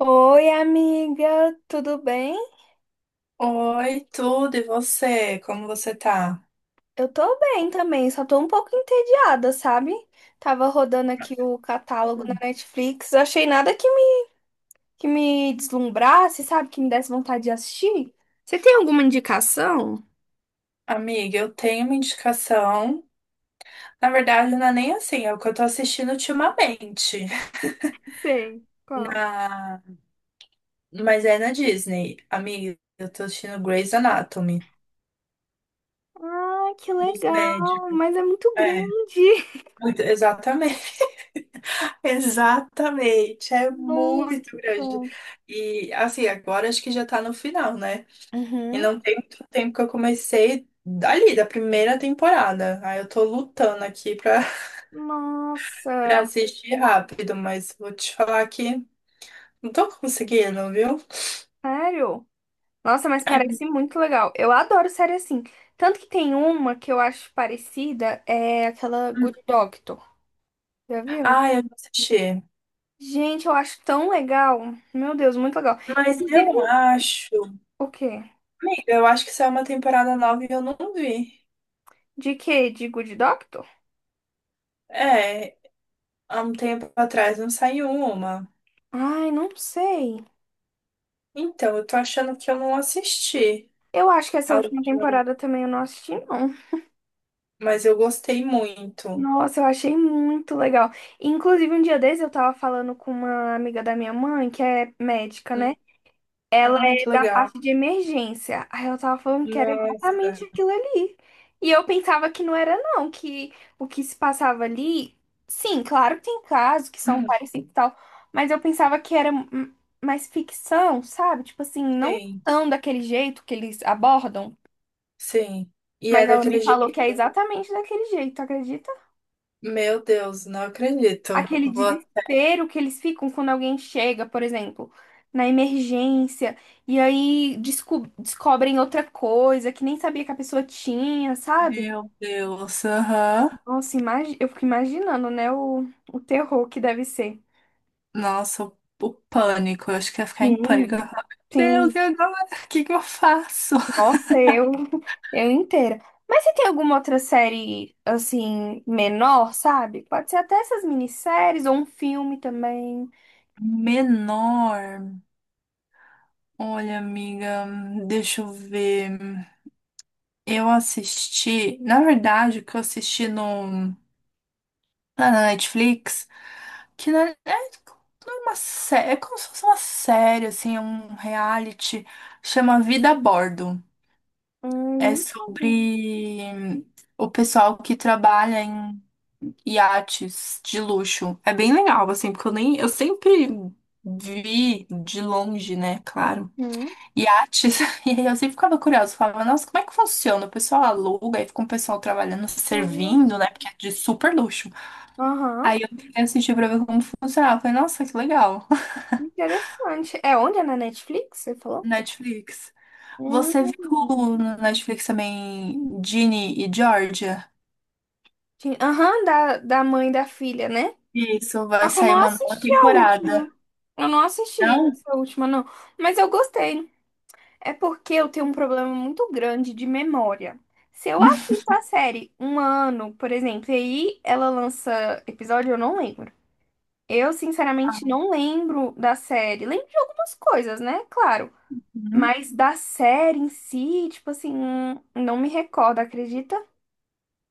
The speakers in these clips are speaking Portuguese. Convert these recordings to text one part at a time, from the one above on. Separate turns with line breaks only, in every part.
Oi, amiga, tudo bem?
Oi, tudo, e você? Como você tá?
Eu tô bem também, só tô um pouco entediada, sabe? Tava rodando aqui o catálogo na Netflix, achei nada que que me deslumbrasse, sabe? Que me desse vontade de assistir. Você tem alguma indicação?
Amiga, eu tenho uma indicação. Na verdade, não é nem assim, é o que eu tô assistindo ultimamente.
Sei, qual?
Na... Mas é na Disney. Amiga, eu tô assistindo Grey's Anatomy.
Ah, que
Dos
legal,
médicos.
mas é muito
É,
grande.
exatamente. Exatamente. É
Nossa.
muito grande. E, assim, agora acho que já tá no final, né? E
Uhum.
não tem muito tempo que eu comecei dali, da primeira temporada. Aí eu tô lutando aqui pra
Nossa,
assistir rápido, mas vou te falar que não tô conseguindo, viu?
sério? Nossa, mas
É.
parece muito legal. Eu adoro série assim. Tanto que tem uma que eu acho parecida, é aquela Good Doctor. Já viu?
Ah, eu não assisti.
Gente, eu acho tão legal. Meu Deus, muito legal.
Mas
Inclusive,
eu acho.
o quê?
Eu acho que saiu uma temporada nova e eu não vi.
De quê? De Good Doctor?
É, há um tempo atrás não saiu uma.
Ai, não sei.
Então, eu tô achando que eu não assisti
Eu acho que essa
a
última
última,
temporada também eu não assisti, não.
mas eu gostei muito.
Nossa, eu achei muito legal. Inclusive, um dia desses eu tava falando com uma amiga da minha mãe, que é médica,
Hum.
né?
Ai, que
Da
legal.
parte de emergência. Aí eu tava falando que era exatamente
Nossa.
aquilo ali. E eu pensava que não era, não, que o que se passava ali, sim, claro que tem casos que são
Uhum.
parecidos e tal, mas eu pensava que era mais ficção, sabe? Tipo assim, não
Sim,
tão daquele jeito que eles abordam,
sim. E é
mas ela
daquele
me falou que
jeito.
é exatamente daquele jeito, acredita?
Meu Deus, não acredito.
Aquele
Vou
desespero que eles ficam quando alguém chega, por exemplo, na emergência, e aí descobrem outra coisa que nem sabia que a pessoa tinha, sabe?
Meu Deus, aham.
Nossa, eu fico imaginando, né, o terror que deve ser.
Nossa, o pânico. Eu acho que ia ficar em pânico. Eu ia
Sim,
falar, meu Deus,
sim.
e agora? O que que eu faço?
Nossa, eu inteira. Mas se tem alguma outra série, assim, menor, sabe? Pode ser até essas minisséries ou um filme também.
Menor. Olha, amiga, deixa eu ver. Eu assisti, na verdade, o que eu assisti no, lá na Netflix, que não não é uma série, é como se fosse uma série, assim, é um reality, chama Vida a Bordo. É
Nunca vi.
sobre o pessoal que trabalha em iates de luxo. É bem legal, assim, porque eu nem, eu sempre vi de longe, né? Claro.
Hum,
Iates. E aí eu sempre ficava curiosa, falava, nossa, como é que funciona? O pessoal aluga e fica um pessoal trabalhando, servindo,
justo.
né? Porque é de super luxo.
Aham.
Aí eu fui assistir pra ver como funcionava. Eu falei, nossa, que legal.
Interessante. É onde? É na Netflix, você falou?
Netflix. Você viu
Hum.
no Netflix também Ginny e Georgia?
Ti- Aham, da mãe da filha, né?
Isso, vai
Só que eu
sair
não
uma nova
assisti a
temporada.
última. Eu não assisti
Não?
essa última, não. Mas eu gostei. É porque eu tenho um problema muito grande de memória. Se eu assisto a série um ano, por exemplo, e aí ela lança episódio, eu não lembro. Eu, sinceramente, não lembro da série. Lembro de algumas coisas, né? Claro. Mas da série em si, tipo assim, não me recordo, acredita?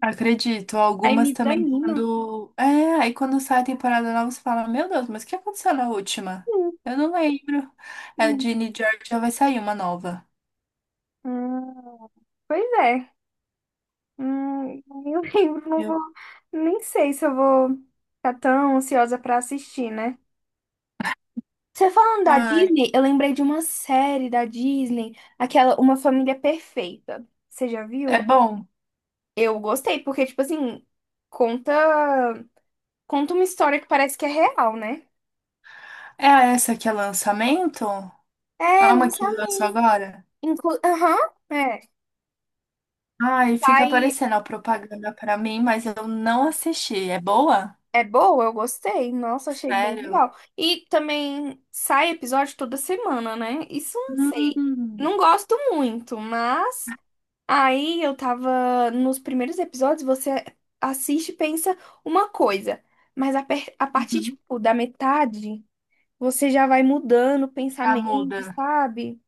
Acredito,
Aí me
algumas também
desanima.
quando. É, aí quando sai a temporada nova, você fala, meu Deus, mas o que aconteceu na última?
Sim,
Eu não lembro. É,
sim.
Ginny George já vai sair uma nova.
Hum, pois é. Nem lembro, não
Eu-
vou. Nem sei se eu vou ficar tão ansiosa pra assistir, né? Você falando da
Ai,
Disney, eu lembrei de uma série da Disney, aquela Uma Família Perfeita. Você já
é
viu?
bom.
Eu gostei, porque, tipo assim, conta, conta uma história que parece que é real, né?
É essa que é lançamento? É
É,
uma que lançou
lançamento.
agora?
Inclu- Aham. É.
Ai, fica
Sai.
aparecendo a propaganda pra mim, mas eu não assisti. É boa?
É boa, eu gostei. Nossa, achei bem
Sério?
legal. E também sai episódio toda semana, né? Isso eu não sei.
Hum.
Não gosto muito, mas aí eu tava nos primeiros episódios, você assiste e pensa uma coisa, mas a partir
Uhum.
tipo, da metade, você já vai mudando o
Já
pensamento,
muda.
sabe?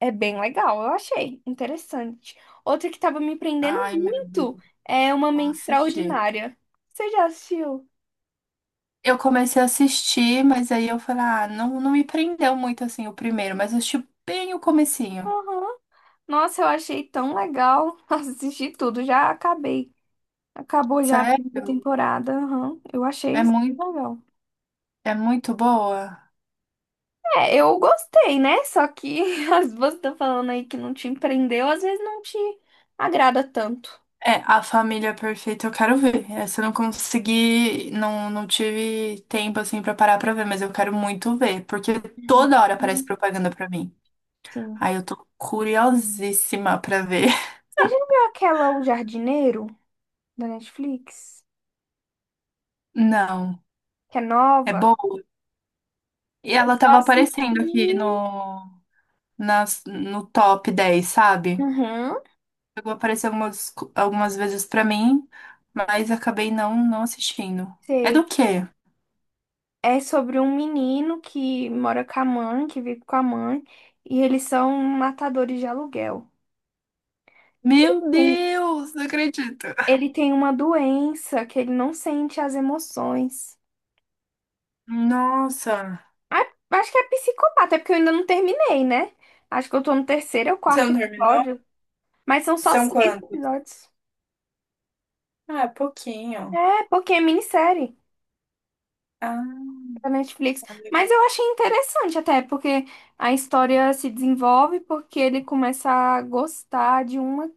É bem legal, eu achei interessante. Outra que tava me prendendo
Ai, meu Deus,
muito é Uma
vou
Mente
assistir.
Extraordinária. Você já assistiu?
Eu comecei a assistir, mas aí eu falei, ah, não, não me prendeu muito assim o primeiro, mas eu assisti bem o comecinho.
Aham. Nossa, eu achei tão legal assistir tudo. Já acabei. Acabou já a primeira
Sério?
temporada. Aham. Eu achei
É
isso
muito,
legal.
é muito boa.
É, eu gostei, né? Só que as você tá falando aí que não te empreendeu, às vezes não te agrada tanto.
É, A Família Perfeita eu quero ver. Essa eu não consegui, não, não tive tempo assim pra parar pra ver, mas eu quero muito ver, porque toda hora aparece
Uhum.
propaganda pra mim.
Sim.
Aí eu tô curiosíssima pra ver.
Você já viu aquela O Jardineiro da Netflix?
Não,
Que é
é
nova?
boa. E
Eu
ela
só
tava
assisti.
aparecendo aqui no top 10, sabe?
Uhum,
Chegou a aparecer algumas, algumas vezes pra mim, mas acabei não, não assistindo. É
sei.
do quê?
É sobre um menino que mora com a mãe, que vive com a mãe, e eles são matadores de aluguel. Porque ele
Meu Deus, não acredito.
ele tem uma doença que ele não sente as emoções.
Nossa.
Ah, acho que é psicopata, é porque eu ainda não terminei, né? Acho que eu tô no terceiro ou
Você
quarto
não terminou?
episódio, mas são só
São
seis
quantos?
episódios.
Ah, é pouquinho.
É, porque é minissérie
Ah,
da Netflix.
tá
Mas
legal.
eu achei interessante até, porque a história se desenvolve porque ele começa a gostar de uma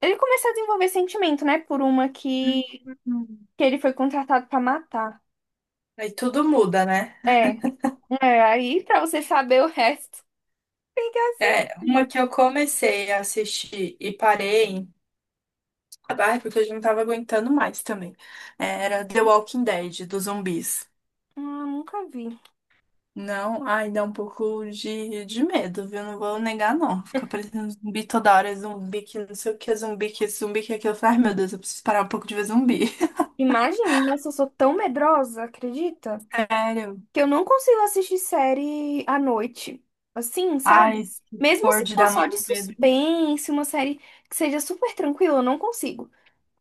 Ele começou a desenvolver sentimento, né? Por uma
Uhum.
que ele foi contratado pra matar.
Aí tudo muda, né?
É, aí pra você saber o resto, tem que
É, uma
assistir.
que eu comecei a assistir e parei, ah, porque eu já não tava aguentando mais também. Era The Walking Dead, dos zumbis.
Ah, nunca vi.
Não, ai, dá um pouco de medo, viu? Não vou negar, não. Ficar parecendo zumbi toda hora, é zumbi que não sei o que, é zumbi que isso, zumbi que é aquilo. Eu falei, ai, meu Deus, eu preciso parar um pouco de ver zumbi.
Imagina, nossa, eu sou tão medrosa, acredita?
Sério?
Que eu não consigo assistir série à noite. Assim,
Ai,
sabe?
se
Mesmo
for
se
de
for
dar
só
muito
de
medo.
suspense, uma série que seja super tranquila, eu não consigo.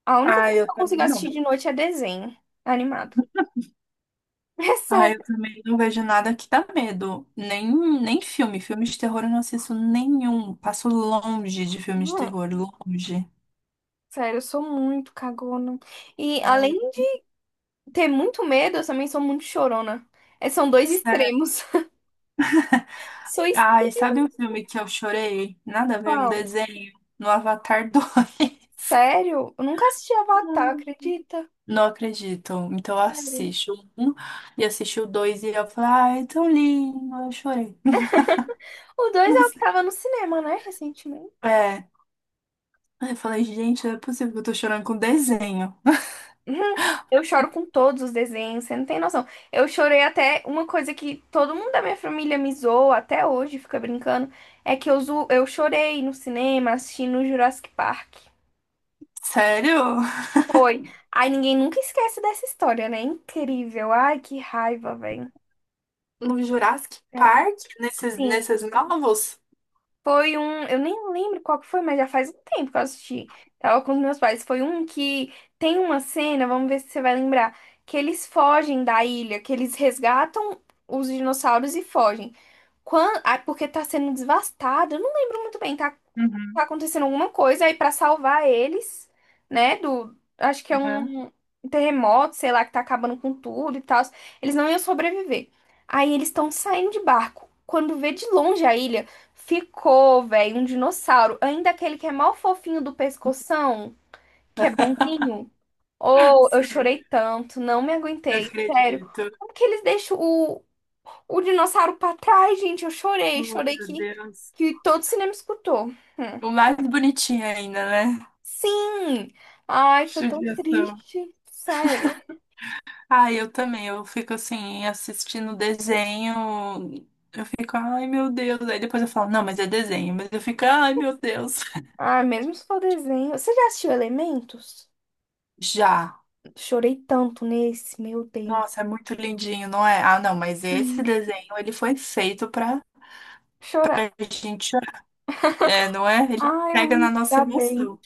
A única
Ai,
coisa que
eu
eu consigo
também
assistir
não.
de noite é desenho animado. É
Ai, eu
sério.
também não vejo nada que dá medo. Nem, nem filme. Filme de terror eu não assisto nenhum. Passo longe de filme de terror, longe.
Sério, eu sou muito cagona. E
Ai,
além de ter muito medo, eu também sou muito chorona. É, são dois
sério.
extremos. Sou
Ai,
extrema,
sabe um filme que eu chorei? Nada a ver, um
pau.
desenho. No Avatar 2.
Sério? Eu nunca assisti Avatar, acredita?
Não acredito. Então eu
Sério.
assisto um e assisti o dois e eu falei, ai, é tão lindo. Eu chorei.
O dois é o que
Nossa.
tava no cinema, né, recentemente.
É. Aí eu falei, gente, não é possível que eu tô chorando com desenho.
Uhum. Eu choro com todos os desenhos, você não tem noção. Eu chorei até uma coisa que todo mundo da minha família me zoa até hoje, fica brincando, é que eu, zo... eu chorei no cinema assistindo Jurassic Park.
Sério?
Foi. Ai, ninguém nunca esquece dessa história, né? Incrível. Ai, que raiva, velho.
No Jurassic
É,
Park? Nesses,
sim.
nesses novos?
Foi um. Eu nem lembro qual que foi, mas já faz um tempo que eu assisti. Tava com os meus pais. Foi um que tem uma cena, vamos ver se você vai lembrar, que eles fogem da ilha, que eles resgatam os dinossauros e fogem. Quando... Ah, porque tá sendo devastado. Eu não lembro muito bem, tá?
Uhum,
Tá acontecendo alguma coisa aí pra salvar eles, né, do acho que é
né?
um terremoto, sei lá, que tá acabando com tudo e tal. Eles não iam sobreviver. Aí eles estão saindo de barco. Quando vê de longe a ilha, ficou, velho, um dinossauro, ainda aquele que é mal fofinho do pescoção, que é bonzinho. Oh, eu
Sim,
chorei tanto, não me
não
aguentei, sério.
acredito.
Como que eles deixam o dinossauro pra trás, gente? Eu chorei,
Oh, meu Deus.
que todo cinema escutou. Hum.
O mais bonitinho ainda, né?
Sim! Ai, foi tão
Judiação.
triste. Sério.
Ah, eu também. Eu fico assim, assistindo desenho. Eu fico, ai meu Deus. Aí depois eu falo, não, mas é desenho. Mas eu fico, ai meu Deus.
Ah, mesmo se for desenho. Você já assistiu Elementos?
Já.
Chorei tanto nesse, meu Deus.
Nossa, é muito lindinho, não é? Ah, não, mas esse
Sim.
desenho, ele foi feito pra,
Chorar.
pra gente chorar. É, não é? Ele
Ai, eu
pega na
me
nossa
dá bem.
emoção.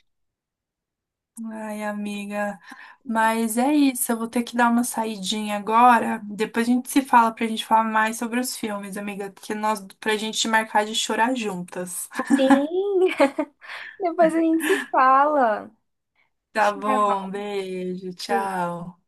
Ai, amiga. Mas é isso, eu vou ter que dar uma saidinha agora. Depois a gente se fala pra gente falar mais sobre os filmes, amiga. Pra gente marcar de chorar juntas.
Sim! Depois a gente se fala.
Tá bom,
Tchau.
beijo, tchau.